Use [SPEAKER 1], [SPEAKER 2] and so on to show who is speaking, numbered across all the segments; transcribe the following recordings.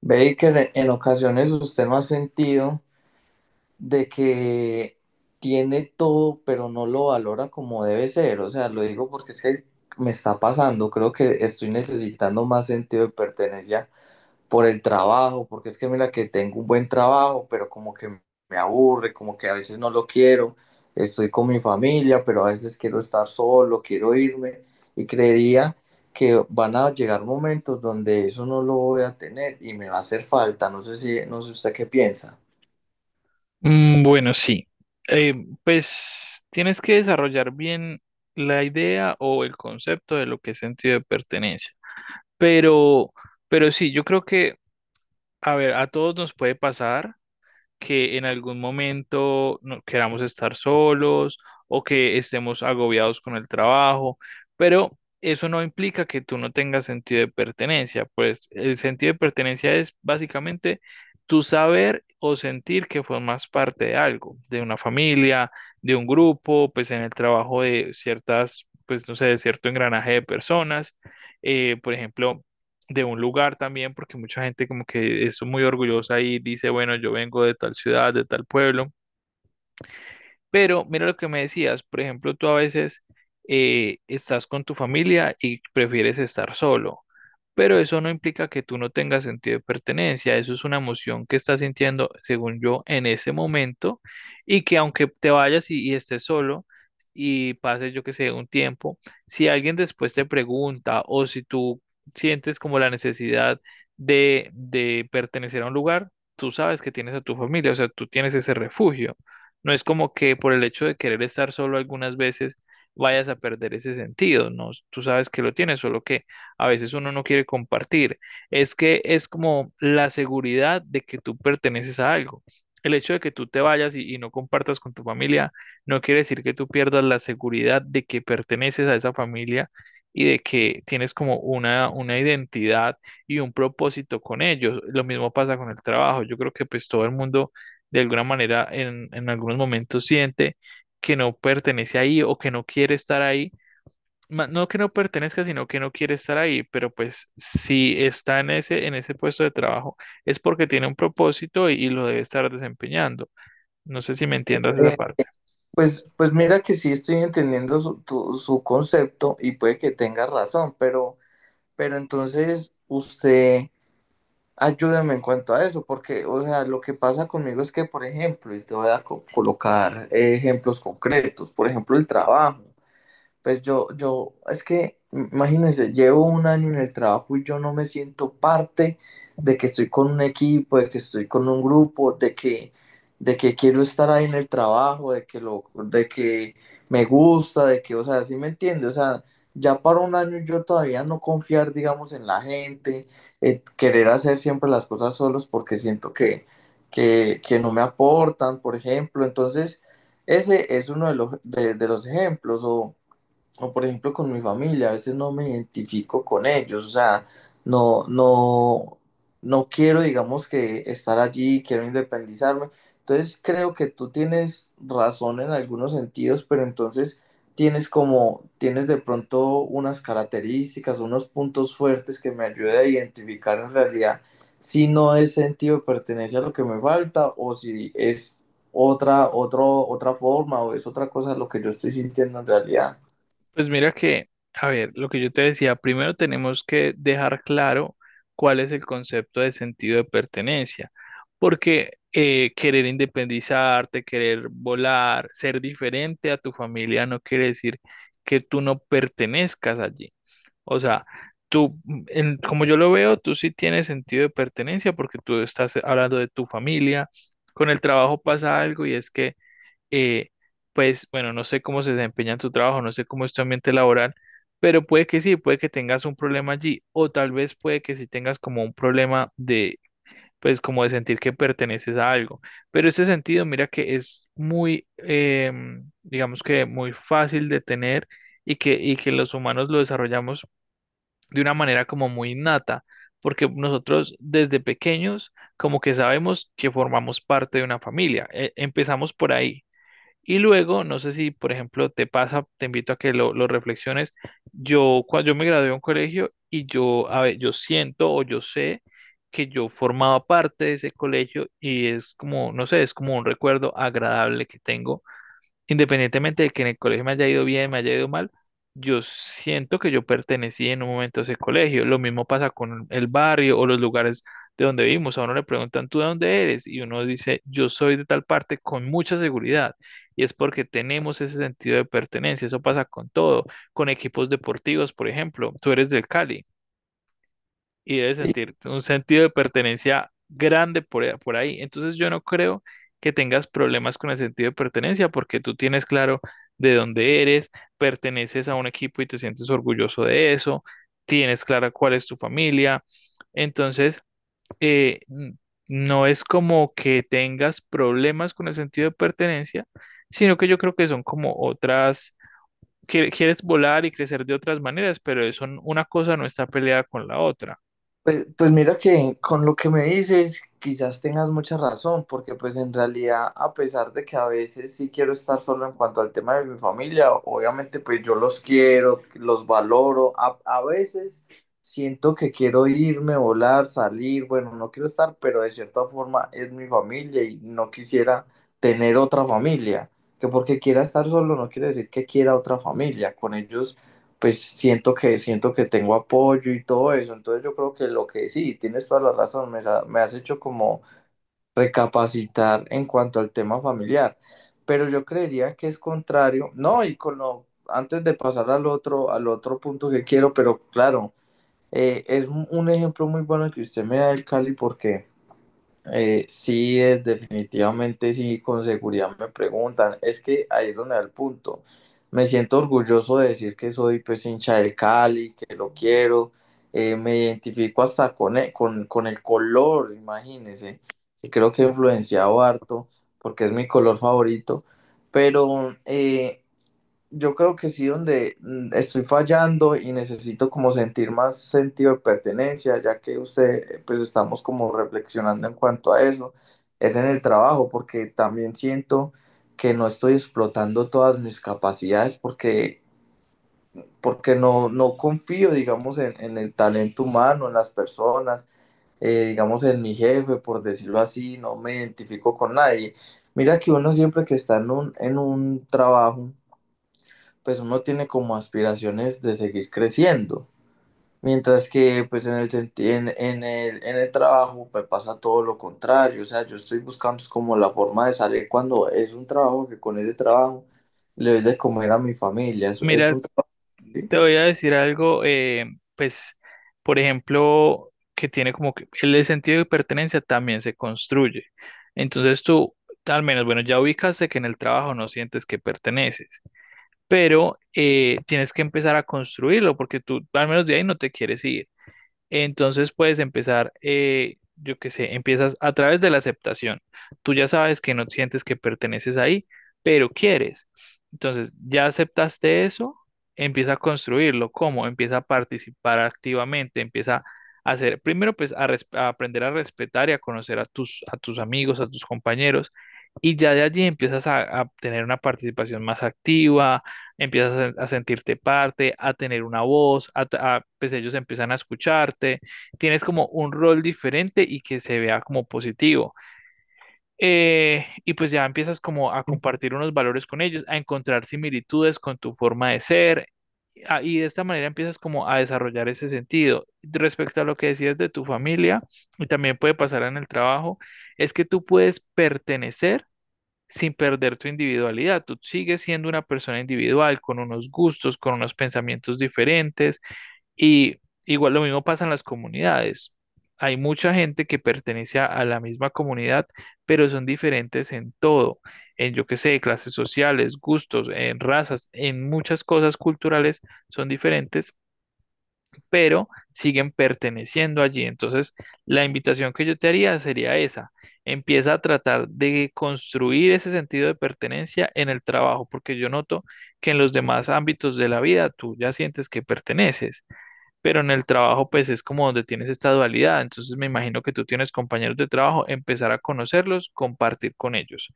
[SPEAKER 1] Baker, en ocasiones usted no ha sentido de que tiene todo, pero no lo valora como debe ser. O sea, lo digo porque es que me está pasando. Creo que estoy necesitando más sentido de pertenencia por el trabajo, porque es que mira que tengo un buen trabajo, pero como que me aburre, como que a veces no lo quiero, estoy con mi familia, pero a veces quiero estar solo, quiero irme y creería que van a llegar momentos donde eso no lo voy a tener y me va a hacer falta, no sé si, no sé usted qué piensa.
[SPEAKER 2] Mm, bueno, sí. Eh, pues tienes que desarrollar bien la idea o el concepto de lo que es sentido de pertenencia. Pero, pero sí, yo creo que, a ver, a todos nos puede pasar que en algún momento no queramos estar solos o que estemos agobiados con el trabajo, pero eso no implica que tú no tengas sentido de pertenencia, pues el sentido de pertenencia es básicamente tu saber o sentir que formas parte de algo, de una familia, de un grupo, pues en el trabajo de ciertas, pues no sé, de cierto engranaje de personas. Por ejemplo, de un lugar también, porque mucha gente como que es muy orgullosa y dice, bueno, yo vengo de tal ciudad, de tal pueblo, pero mira lo que me decías, por ejemplo, tú a veces estás con tu familia y prefieres estar solo, pero eso no implica que tú no tengas sentido de pertenencia, eso es una emoción que estás sintiendo, según yo, en ese momento y que aunque te vayas y estés solo y pase, yo que sé, un tiempo, si alguien después te pregunta o si tú sientes como la necesidad de pertenecer a un lugar, tú sabes que tienes a tu familia, o sea, tú tienes ese refugio. No es como que por el hecho de querer estar solo algunas veces vayas a perder ese sentido, ¿no? Tú sabes que lo tienes, solo que a veces uno no quiere compartir. Es que es como la seguridad de que tú perteneces a algo. El hecho de que tú te vayas y no compartas con tu familia no quiere decir que tú pierdas la seguridad de que perteneces a esa familia y de que tienes como una identidad y un propósito con ellos. Lo mismo pasa con el trabajo. Yo creo que pues todo el mundo de alguna manera en algunos momentos siente que no pertenece ahí o que no quiere estar ahí. No que no pertenezca, sino que no quiere estar ahí, pero pues si está en ese puesto de trabajo es porque tiene un propósito y lo debe estar desempeñando. No sé si me entiendas esa
[SPEAKER 1] Eh,
[SPEAKER 2] parte.
[SPEAKER 1] pues mira que sí estoy entendiendo su concepto y puede que tenga razón, pero entonces usted ayúdame en cuanto a eso, porque, o sea, lo que pasa conmigo es que, por ejemplo, y te voy a colocar ejemplos concretos, por ejemplo, el trabajo. Pues yo, es que, imagínense, llevo un año en el trabajo y yo no me siento parte de que estoy con un equipo, de que estoy con un grupo, de que quiero estar ahí en el trabajo, de que me gusta, de que, o sea, ¿sí me entiende? O sea, ya para un año yo todavía no confiar, digamos, en la gente, querer hacer siempre las cosas solos porque siento que no me aportan, por ejemplo. Entonces, ese es uno de de los ejemplos. O por ejemplo con mi familia, a veces no me identifico con ellos, o sea, no, no, no quiero, digamos, que estar allí, quiero independizarme. Entonces creo que tú tienes razón en algunos sentidos, pero entonces tienes de pronto unas características, unos puntos fuertes que me ayudan a identificar en realidad si no es sentido de pertenencia lo que me falta o si es otra forma o es otra cosa lo que yo estoy sintiendo en realidad.
[SPEAKER 2] Pues mira que, a ver, lo que yo te decía, primero tenemos que dejar claro cuál es el concepto de sentido de pertenencia, porque querer independizarte, querer volar, ser diferente a tu familia no quiere decir que tú no pertenezcas allí. O sea, tú, como yo lo veo, tú sí tienes sentido de pertenencia porque tú estás hablando de tu familia. Con el trabajo pasa algo y es que eh, pues bueno, no sé cómo se desempeña en tu trabajo, no sé cómo es tu ambiente laboral, pero puede que sí, puede que tengas un problema allí, o tal vez puede que sí tengas como un problema de, pues como de sentir que perteneces a algo. Pero ese sentido, mira que es muy, digamos que muy fácil de tener y que los humanos lo desarrollamos de una manera como muy innata, porque nosotros desde pequeños como que sabemos que formamos parte de una familia, empezamos por ahí y luego, no sé si, por ejemplo, te pasa, te invito a que lo reflexiones. Yo, cuando yo me gradué de un colegio y yo, a ver, yo siento o yo sé que yo formaba parte de ese colegio y es como, no sé, es como un recuerdo agradable que tengo. Independientemente de que en el colegio me haya ido bien, me haya ido mal, yo siento que yo pertenecí en un momento a ese colegio. Lo mismo pasa con el barrio o los lugares de donde vivimos. A uno le preguntan, ¿tú de dónde eres? Y uno dice, yo soy de tal parte con mucha seguridad. Y es porque tenemos ese sentido de pertenencia. Eso pasa con todo, con equipos deportivos, por ejemplo. Tú eres del Cali y debe sentir un sentido de pertenencia grande por ahí. Entonces yo no creo que tengas problemas con el sentido de pertenencia porque tú tienes claro de dónde eres, perteneces a un equipo y te sientes orgulloso de eso, tienes clara cuál es tu familia. Entonces, eh, n- no es como que tengas problemas con el sentido de pertenencia, sino que yo creo que son como otras, que quieres volar y crecer de otras maneras, pero eso, una cosa no está peleada con la otra.
[SPEAKER 1] Pues, pues mira que con lo que me dices, quizás tengas mucha razón, porque pues en realidad, a pesar de que a veces sí quiero estar solo en cuanto al tema de mi familia, obviamente pues yo los quiero, los valoro, a veces siento que quiero irme, volar, salir, bueno, no quiero estar, pero de cierta forma es mi familia y no quisiera tener otra familia, que porque quiera estar solo no quiere decir que quiera otra familia, con ellos pues siento que tengo apoyo y todo eso. Entonces yo creo que lo que sí, tienes toda la razón, me has hecho como recapacitar en cuanto al tema familiar, pero yo creería que es contrario. No, y con lo, antes de pasar al otro punto que quiero, pero claro, es un ejemplo muy bueno que usted me da del Cali porque sí, definitivamente sí, con seguridad me preguntan. Es que ahí es donde da el punto. Me siento orgulloso de decir que soy pues hincha del Cali, que lo quiero. Me identifico hasta con con el color, imagínense. Y creo que he influenciado harto porque es mi color favorito. Pero yo creo que sí, donde estoy fallando y necesito como sentir más sentido de pertenencia, ya que usted, pues estamos como reflexionando en cuanto a eso, es en el trabajo, porque también siento que no estoy explotando todas mis capacidades porque no confío, digamos, en el talento humano, en las personas, digamos, en mi jefe, por decirlo así, no me identifico con nadie. Mira que uno siempre que está en en un trabajo, pues uno tiene como aspiraciones de seguir creciendo. Mientras que pues en el, senti- en el trabajo me pasa todo lo contrario, o sea, yo estoy buscando es como la forma de salir cuando es un trabajo que con ese trabajo le doy de comer a mi familia, es
[SPEAKER 2] Mira,
[SPEAKER 1] un... Sí,
[SPEAKER 2] te voy a decir algo, pues, por ejemplo, que tiene como que el sentido de pertenencia también se construye. Entonces tú, al menos, bueno, ya ubicaste que en el trabajo no sientes que perteneces, pero tienes que empezar a construirlo porque tú, al menos de ahí, no te quieres ir. Entonces puedes empezar, yo qué sé, empiezas a través de la aceptación. Tú ya sabes que no sientes que perteneces ahí, pero quieres. Entonces, ya aceptaste eso, empieza a construirlo. ¿Cómo? Empieza a participar activamente, empieza a hacer, primero pues a, a aprender a respetar y a conocer a tus amigos, a tus compañeros. Y ya de allí empiezas a tener una participación más activa, empiezas a sentirte parte, a tener una voz, pues ellos empiezan a escucharte, tienes como un rol diferente y que se vea como positivo. Y pues ya empiezas como a compartir unos valores con ellos, a encontrar similitudes con tu forma de ser. Y de esta manera empiezas como a desarrollar ese sentido. Respecto a lo que decías de tu familia, y también puede pasar en el trabajo, es que tú puedes pertenecer sin perder tu individualidad. Tú sigues siendo una persona individual, con unos gustos, con unos pensamientos diferentes y igual lo mismo pasa en las comunidades. Hay mucha gente que pertenece a la misma comunidad, pero son diferentes en todo, en yo qué sé, clases sociales, gustos, en razas, en muchas cosas culturales son diferentes, pero siguen perteneciendo allí. Entonces, la invitación que yo te haría sería esa. Empieza a tratar de construir ese sentido de pertenencia en el trabajo, porque yo noto que en los demás ámbitos de la vida tú ya sientes que perteneces, pero en el trabajo pues es como donde tienes esta dualidad. Entonces, me imagino que tú tienes compañeros de trabajo, empezar a conocerlos, compartir con ellos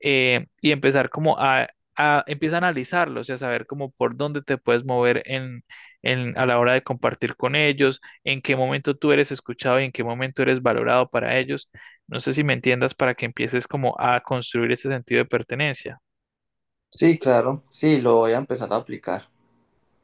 [SPEAKER 2] y empezar como a, empieza a analizarlos y a saber como por dónde te puedes mover a la hora de compartir con ellos, en qué momento tú eres escuchado y en qué momento eres valorado para ellos. No sé si me entiendas para que empieces como a construir ese sentido de pertenencia.
[SPEAKER 1] sí, claro, sí, lo voy a empezar a aplicar.